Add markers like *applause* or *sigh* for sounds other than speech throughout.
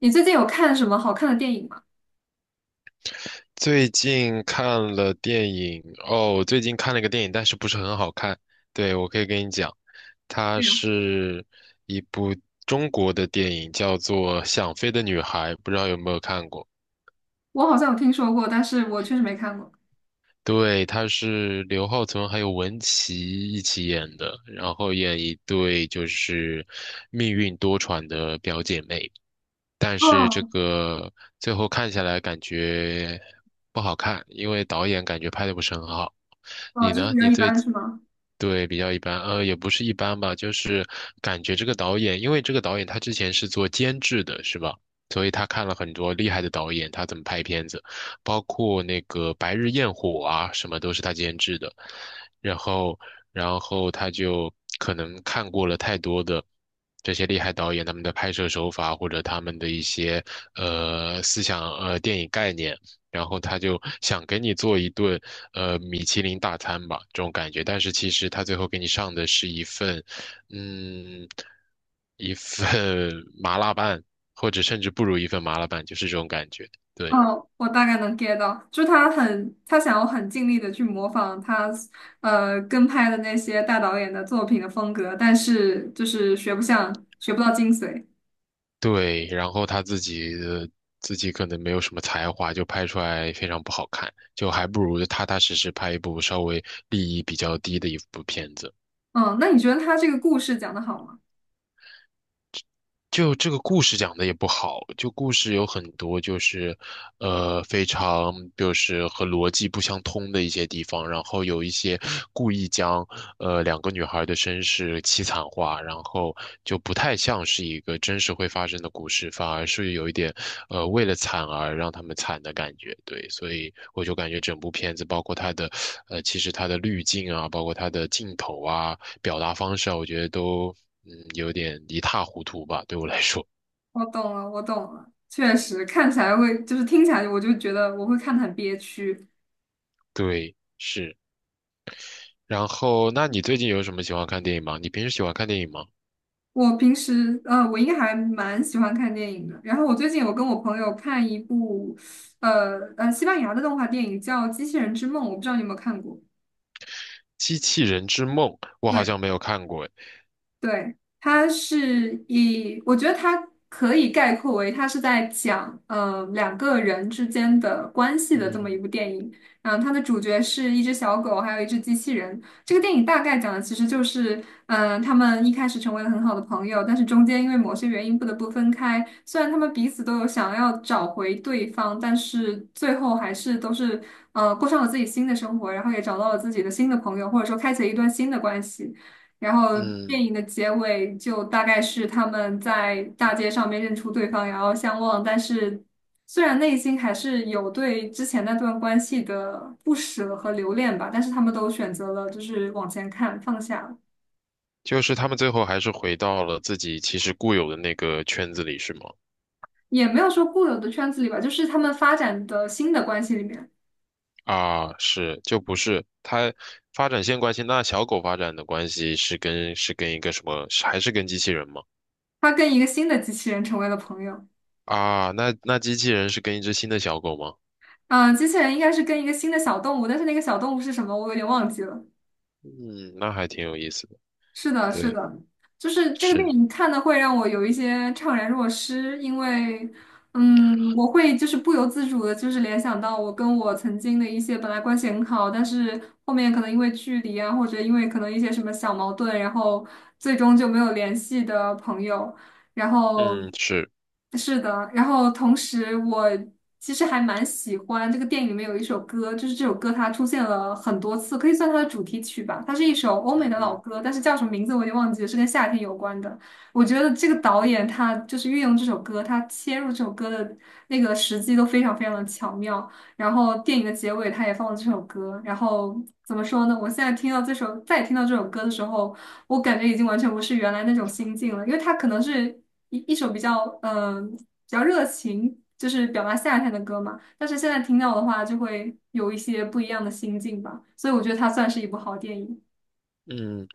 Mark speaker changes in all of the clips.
Speaker 1: 你最近有看什么好看的电影吗？
Speaker 2: 最近看了电影哦，我最近看了一个电影，但是不是很好看。对，我可以跟你讲，它
Speaker 1: 对呀，
Speaker 2: 是一部中国的电影，叫做《想飞的女孩》，不知道有没有看过？
Speaker 1: 我好像有听说过，但是我确实没看过。
Speaker 2: 对，他是刘浩存还有文淇一起演的，然后演一对就是命运多舛的表姐妹，但是这
Speaker 1: 哦，
Speaker 2: 个最后看下来感觉不好看，因为导演感觉拍的不是很好。
Speaker 1: 哦，
Speaker 2: 你
Speaker 1: 就是
Speaker 2: 呢？
Speaker 1: 比较
Speaker 2: 你
Speaker 1: 一
Speaker 2: 最
Speaker 1: 般是吗？
Speaker 2: 对，比较一般，也不是一般吧，就是感觉这个导演，因为这个导演他之前是做监制的，是吧？所以他看了很多厉害的导演，他怎么拍片子，包括那个《白日焰火》啊，什么都是他监制的。然后，然后他就可能看过了太多的这些厉害导演他们的拍摄手法，或者他们的一些思想电影概念。然后他就想给你做一顿米其林大餐吧，这种感觉。但是其实他最后给你上的是一份，嗯，一份 *laughs* 麻辣拌，或者甚至不如一份麻辣拌，就是这种感觉。对
Speaker 1: 哦，我大概能 get 到，就是他很，他想要很尽力的去模仿他，跟拍的那些大导演的作品的风格，但是就是学不像，学不到精髓。
Speaker 2: 对，然后他自己可能没有什么才华，就拍出来非常不好看，就还不如踏踏实实拍一部稍微利益比较低的一部片子。
Speaker 1: 嗯，那你觉得他这个故事讲的好吗？
Speaker 2: 就这个故事讲的也不好，就故事有很多就是，呃，非常就是和逻辑不相通的一些地方，然后有一些故意将两个女孩的身世凄惨化，然后就不太像是一个真实会发生的故事，反而是有一点为了惨而让他们惨的感觉，对，所以我就感觉整部片子包括它的其实它的滤镜啊，包括它的镜头啊。表达方式啊，我觉得都嗯有点一塌糊涂吧，对我来说。
Speaker 1: 我懂了，我懂了，确实看起来会，就是听起来我就觉得我会看得很憋屈。
Speaker 2: 对，是。然后，那你最近有什么喜欢看电影吗？你平时喜欢看电影吗？
Speaker 1: 我平时我应该还蛮喜欢看电影的。然后我最近有跟我朋友看一部，西班牙的动画电影叫《机器人之梦》，我不知道你有没有看过。
Speaker 2: 《机器人之梦》我好
Speaker 1: 对。
Speaker 2: 像没有看过诶。
Speaker 1: 对，它是以，我觉得它可以概括为，它是在讲两个人之间的关系的这么一
Speaker 2: 嗯
Speaker 1: 部电影。嗯，它的主角是一只小狗，还有一只机器人。这个电影大概讲的其实就是，嗯、他们一开始成为了很好的朋友，但是中间因为某些原因不得不分开。虽然他们彼此都有想要找回对方，但是最后还是都是过上了自己新的生活，然后也找到了自己的新的朋友，或者说开启了一段新的关系。然后
Speaker 2: 嗯，
Speaker 1: 电影的结尾就大概是他们在大街上面认出对方，然后相望，但是虽然内心还是有对之前那段关系的不舍和留恋吧，但是他们都选择了就是往前看，放下了，
Speaker 2: 就是他们最后还是回到了自己其实固有的那个圈子里，是吗？
Speaker 1: 也没有说固有的圈子里吧，就是他们发展的新的关系里面，
Speaker 2: 啊，是，就不是它发展线关系。那小狗发展的关系是跟一个什么？是还是跟机器人吗？
Speaker 1: 他跟一个新的机器人成为了朋友。
Speaker 2: 啊，那机器人是跟一只新的小狗吗？
Speaker 1: 嗯、机器人应该是跟一个新的小动物，但是那个小动物是什么，我有点忘记了。
Speaker 2: 嗯，那还挺有意思的，
Speaker 1: 是的，是
Speaker 2: 对，
Speaker 1: 的，就是这个电
Speaker 2: 是，
Speaker 1: 影看的会让我有一些怅然若失，因为，嗯，我会就是不由自主的，就是联想到我跟我曾经的一些本来关系很好，但是后面可能因为距离啊，或者因为可能一些什么小矛盾，然后最终就没有联系的朋友。然后
Speaker 2: 嗯，是，
Speaker 1: 是的，然后同时我其实还蛮喜欢这个电影里面有一首歌，就是这首歌它出现了很多次，可以算它的主题曲吧。它是一首欧美
Speaker 2: 嗯
Speaker 1: 的老
Speaker 2: 哼。
Speaker 1: 歌，但是叫什么名字我已经忘记了，是跟夏天有关的。我觉得这个导演他就是运用这首歌，他切入这首歌的那个时机都非常非常的巧妙。然后电影的结尾他也放了这首歌，然后怎么说呢？我现在听到这首，再听到这首歌的时候，我感觉已经完全不是原来那种心境了，因为它可能是一首比较比较热情，就是表达夏天的歌嘛，但是现在听到的话，就会有一些不一样的心境吧，所以我觉得它算是一部好电影。
Speaker 2: 嗯，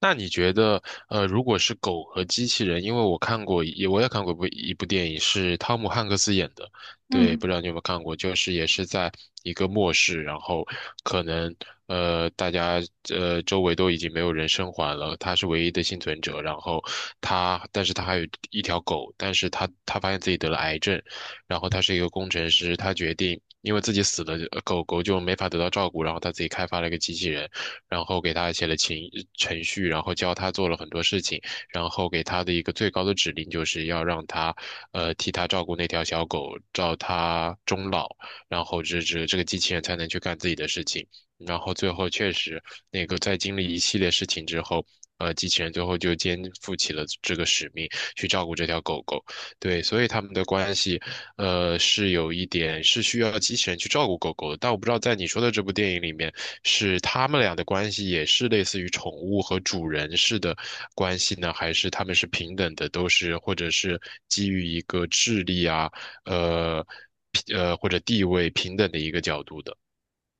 Speaker 2: 那你觉得，如果是狗和机器人，因为我看过我也看过一部电影，是汤姆汉克斯演的，对，
Speaker 1: 嗯。
Speaker 2: 不知道你有没有看过，就是也是在一个末世，然后可能，呃，大家周围都已经没有人生还了，他是唯一的幸存者，然后他，但是他还有一条狗，但是他发现自己得了癌症，然后他是一个工程师，他决定。因为自己死了，狗狗就没法得到照顾，然后他自己开发了一个机器人，然后给他写了情程序，然后教他做了很多事情，然后给他的一个最高的指令就是要让他，呃，替他照顾那条小狗，照他终老，然后这个机器人才能去干自己的事情。然后最后确实，那个在经历一系列事情之后，机器人最后就肩负起了这个使命，去照顾这条狗狗。对，所以他们的关系，是有一点是需要机器人去照顾狗狗的，但我不知道在你说的这部电影里面，是他们俩的关系也是类似于宠物和主人式的关系呢，还是他们是平等的，都是或者是基于一个智力啊，呃，或者地位平等的一个角度的。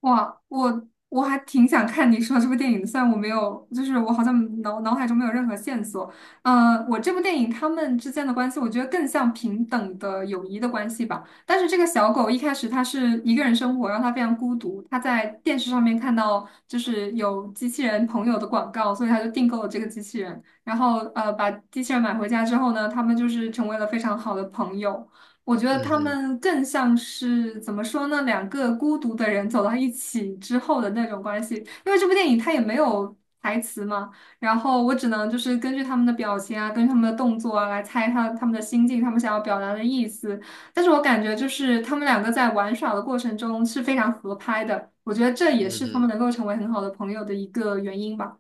Speaker 1: 哇，我还挺想看你说这部电影的虽然我没有，就是我好像脑海中没有任何线索。呃，我这部电影他们之间的关系，我觉得更像平等的友谊的关系吧。但是这个小狗一开始它是一个人生活，然后它非常孤独。它在电视上面看到就是有机器人朋友的广告，所以它就订购了这个机器人。然后呃，把机器人买回家之后呢，他们就是成为了非常好的朋友。我觉得
Speaker 2: 嗯
Speaker 1: 他
Speaker 2: 哼，
Speaker 1: 们更像是怎么说呢？两个孤独的人走到一起之后的那种关系。因为这部电影它也没有台词嘛，然后我只能就是根据他们的表情啊，根据他们的动作啊来猜他们的心境，他们想要表达的意思。但是我感觉就是他们两个在玩耍的过程中是非常合拍的，我觉得这也
Speaker 2: 嗯
Speaker 1: 是他们
Speaker 2: 哼，
Speaker 1: 能够成为很好的朋友的一个原因吧。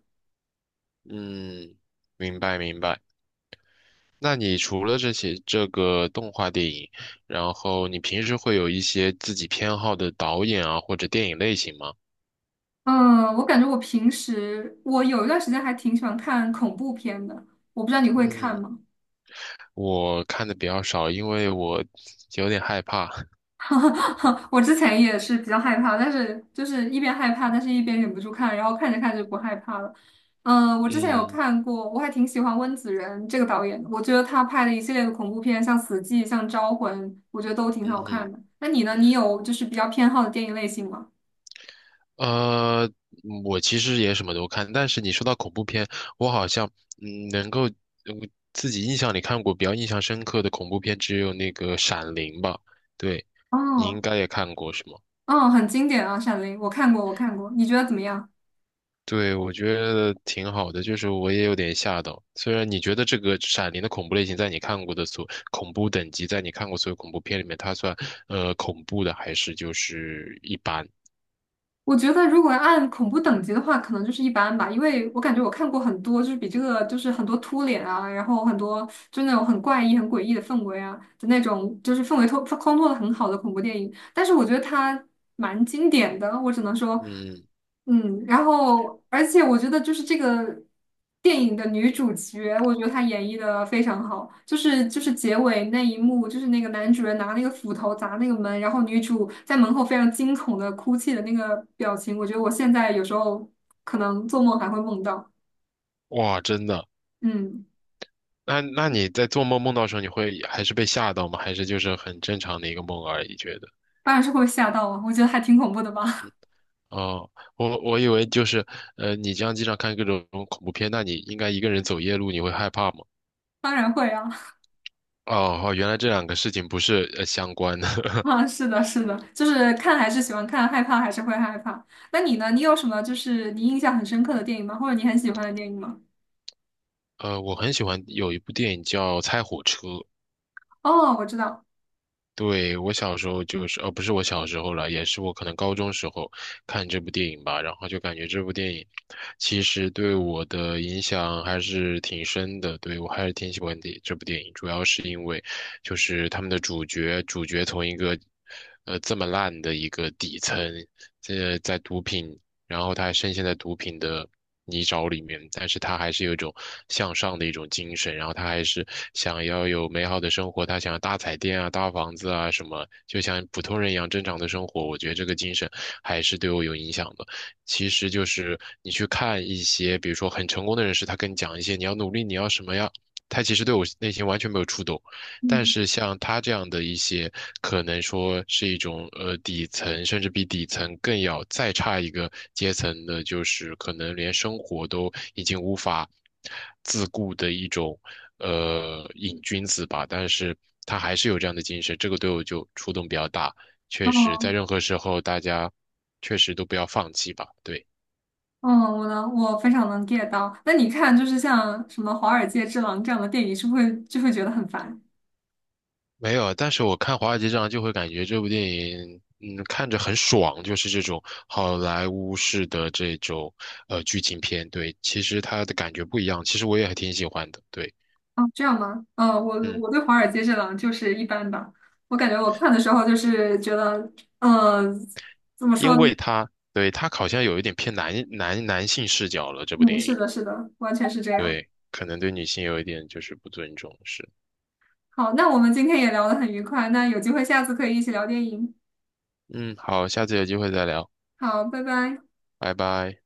Speaker 2: 嗯，明白。那你除了这些这个动画电影，然后你平时会有一些自己偏好的导演啊，或者电影类型吗？
Speaker 1: 嗯，我感觉我平时我有一段时间还挺喜欢看恐怖片的，我不知道你会看
Speaker 2: 嗯，
Speaker 1: 吗？
Speaker 2: 我看的比较少，因为我有点害怕。*laughs*
Speaker 1: *laughs* 我之前也是比较害怕，但是就是一边害怕，但是一边忍不住看，然后看着看着就不害怕了。嗯，我之前有
Speaker 2: 嗯
Speaker 1: 看过，我还挺喜欢温子仁这个导演的，我觉得他拍的一系列的恐怖片，像《死寂》、像《招魂》，我觉得都挺
Speaker 2: 嗯
Speaker 1: 好
Speaker 2: 哼，
Speaker 1: 看的。那你呢？你有就是比较偏好的电影类型吗？
Speaker 2: 呃，我其实也什么都看，但是你说到恐怖片，我好像嗯能够嗯自己印象里看过比较印象深刻的恐怖片只有那个《闪灵》吧？对，你应
Speaker 1: 哦，
Speaker 2: 该也看过是吗？
Speaker 1: 哦，很经典啊，《闪灵》，我看过，我看过，你觉得怎么样？
Speaker 2: 对，我觉得挺好的，就是我也有点吓到。虽然你觉得这个《闪灵》的恐怖类型，在你看过的所恐怖等级，在你看过所有恐怖片里面，它算恐怖的，还是就是一般？
Speaker 1: 我觉得如果按恐怖等级的话，可能就是一般吧，因为我感觉我看过很多，就是比这个就是很多秃脸啊，然后很多就那种很怪异、很诡异的氛围啊的那种，就是氛围托烘托的很好的恐怖电影。但是我觉得它蛮经典的，我只能说，
Speaker 2: 嗯，
Speaker 1: 嗯，然后而且我觉得就是这个电影的女主角，我觉得她演绎的非常好，就是就是结尾那一幕，就是那个男主人拿那个斧头砸那个门，然后女主在门后非常惊恐的哭泣的那个表情，我觉得我现在有时候可能做梦还会梦到，
Speaker 2: 哇，真的。
Speaker 1: 嗯，
Speaker 2: 那你在做梦梦到的时候，你会还是被吓到吗？还是就是很正常的一个梦而已？觉得？
Speaker 1: 当然是会吓到啊，我觉得还挺恐怖的吧，
Speaker 2: 哦，我以为就是，你这样经常看各种恐怖片，那你应该一个人走夜路，你会害怕吗？
Speaker 1: *laughs* 当然会啊，*laughs*
Speaker 2: 哦，哦，原来这两个事情不是相关的。*laughs*
Speaker 1: 啊，是的，是的，就是看还是喜欢看，害怕还是会害怕。那你呢？你有什么就是你印象很深刻的电影吗？或者你很喜欢的电影吗？
Speaker 2: 呃，我很喜欢有一部电影叫《猜火车》。
Speaker 1: 哦，我知道，
Speaker 2: 对，我小时候就是，呃，不是我小时候了，也是我可能高中时候看这部电影吧，然后就感觉这部电影其实对我的影响还是挺深的。对，我还是挺喜欢的这部电影，主要是因为就是他们的主角，主角从一个这么烂的一个底层，这在毒品然后他还深陷在毒品的泥沼里面，但是他还是有一种向上的一种精神，然后他还是想要有美好的生活，他想要大彩电啊、大房子啊什么，就像普通人一样正常的生活。我觉得这个精神还是对我有影响的。其实就是你去看一些，比如说很成功的人士，他跟你讲一些你要努力，你要什么呀，他其实对我内心完全没有触动。但
Speaker 1: 嗯，
Speaker 2: 是像他这样的一些，可能说是一种底层，甚至比底层更要再差一个阶层的，就是可能连生活都已经无法自顾的一种瘾君子吧。但是他还是有这样的精神，这个对我就触动比较大。确实，
Speaker 1: 哦，
Speaker 2: 在任何时候，大家确实都不要放弃吧。对。
Speaker 1: 嗯，我能，我非常能 get 到。那你看，就是像什么《华尔街之狼》这样的电影，是不是会就会觉得很烦？
Speaker 2: 没有，但是我看《华尔街这样就会感觉这部电影，嗯，看着很爽，就是这种好莱坞式的这种剧情片。对，其实它的感觉不一样，其实我也还挺喜欢的。对，
Speaker 1: 哦，这样吗？嗯，我
Speaker 2: 嗯，
Speaker 1: 我对《华尔街之狼》就是一般吧。我感觉我看的时候就是觉得，呃，怎么说
Speaker 2: 因
Speaker 1: 呢？
Speaker 2: 为它对它好像有一点偏男性视角了，这部
Speaker 1: 嗯，
Speaker 2: 电
Speaker 1: 是
Speaker 2: 影，
Speaker 1: 的，是的，完全是这样。
Speaker 2: 对，可能对女性有一点就是不尊重，是。
Speaker 1: 好，那我们今天也聊得很愉快，那有机会下次可以一起聊电影。
Speaker 2: 嗯，好，下次有机会再聊，
Speaker 1: 好，拜拜。
Speaker 2: 拜拜。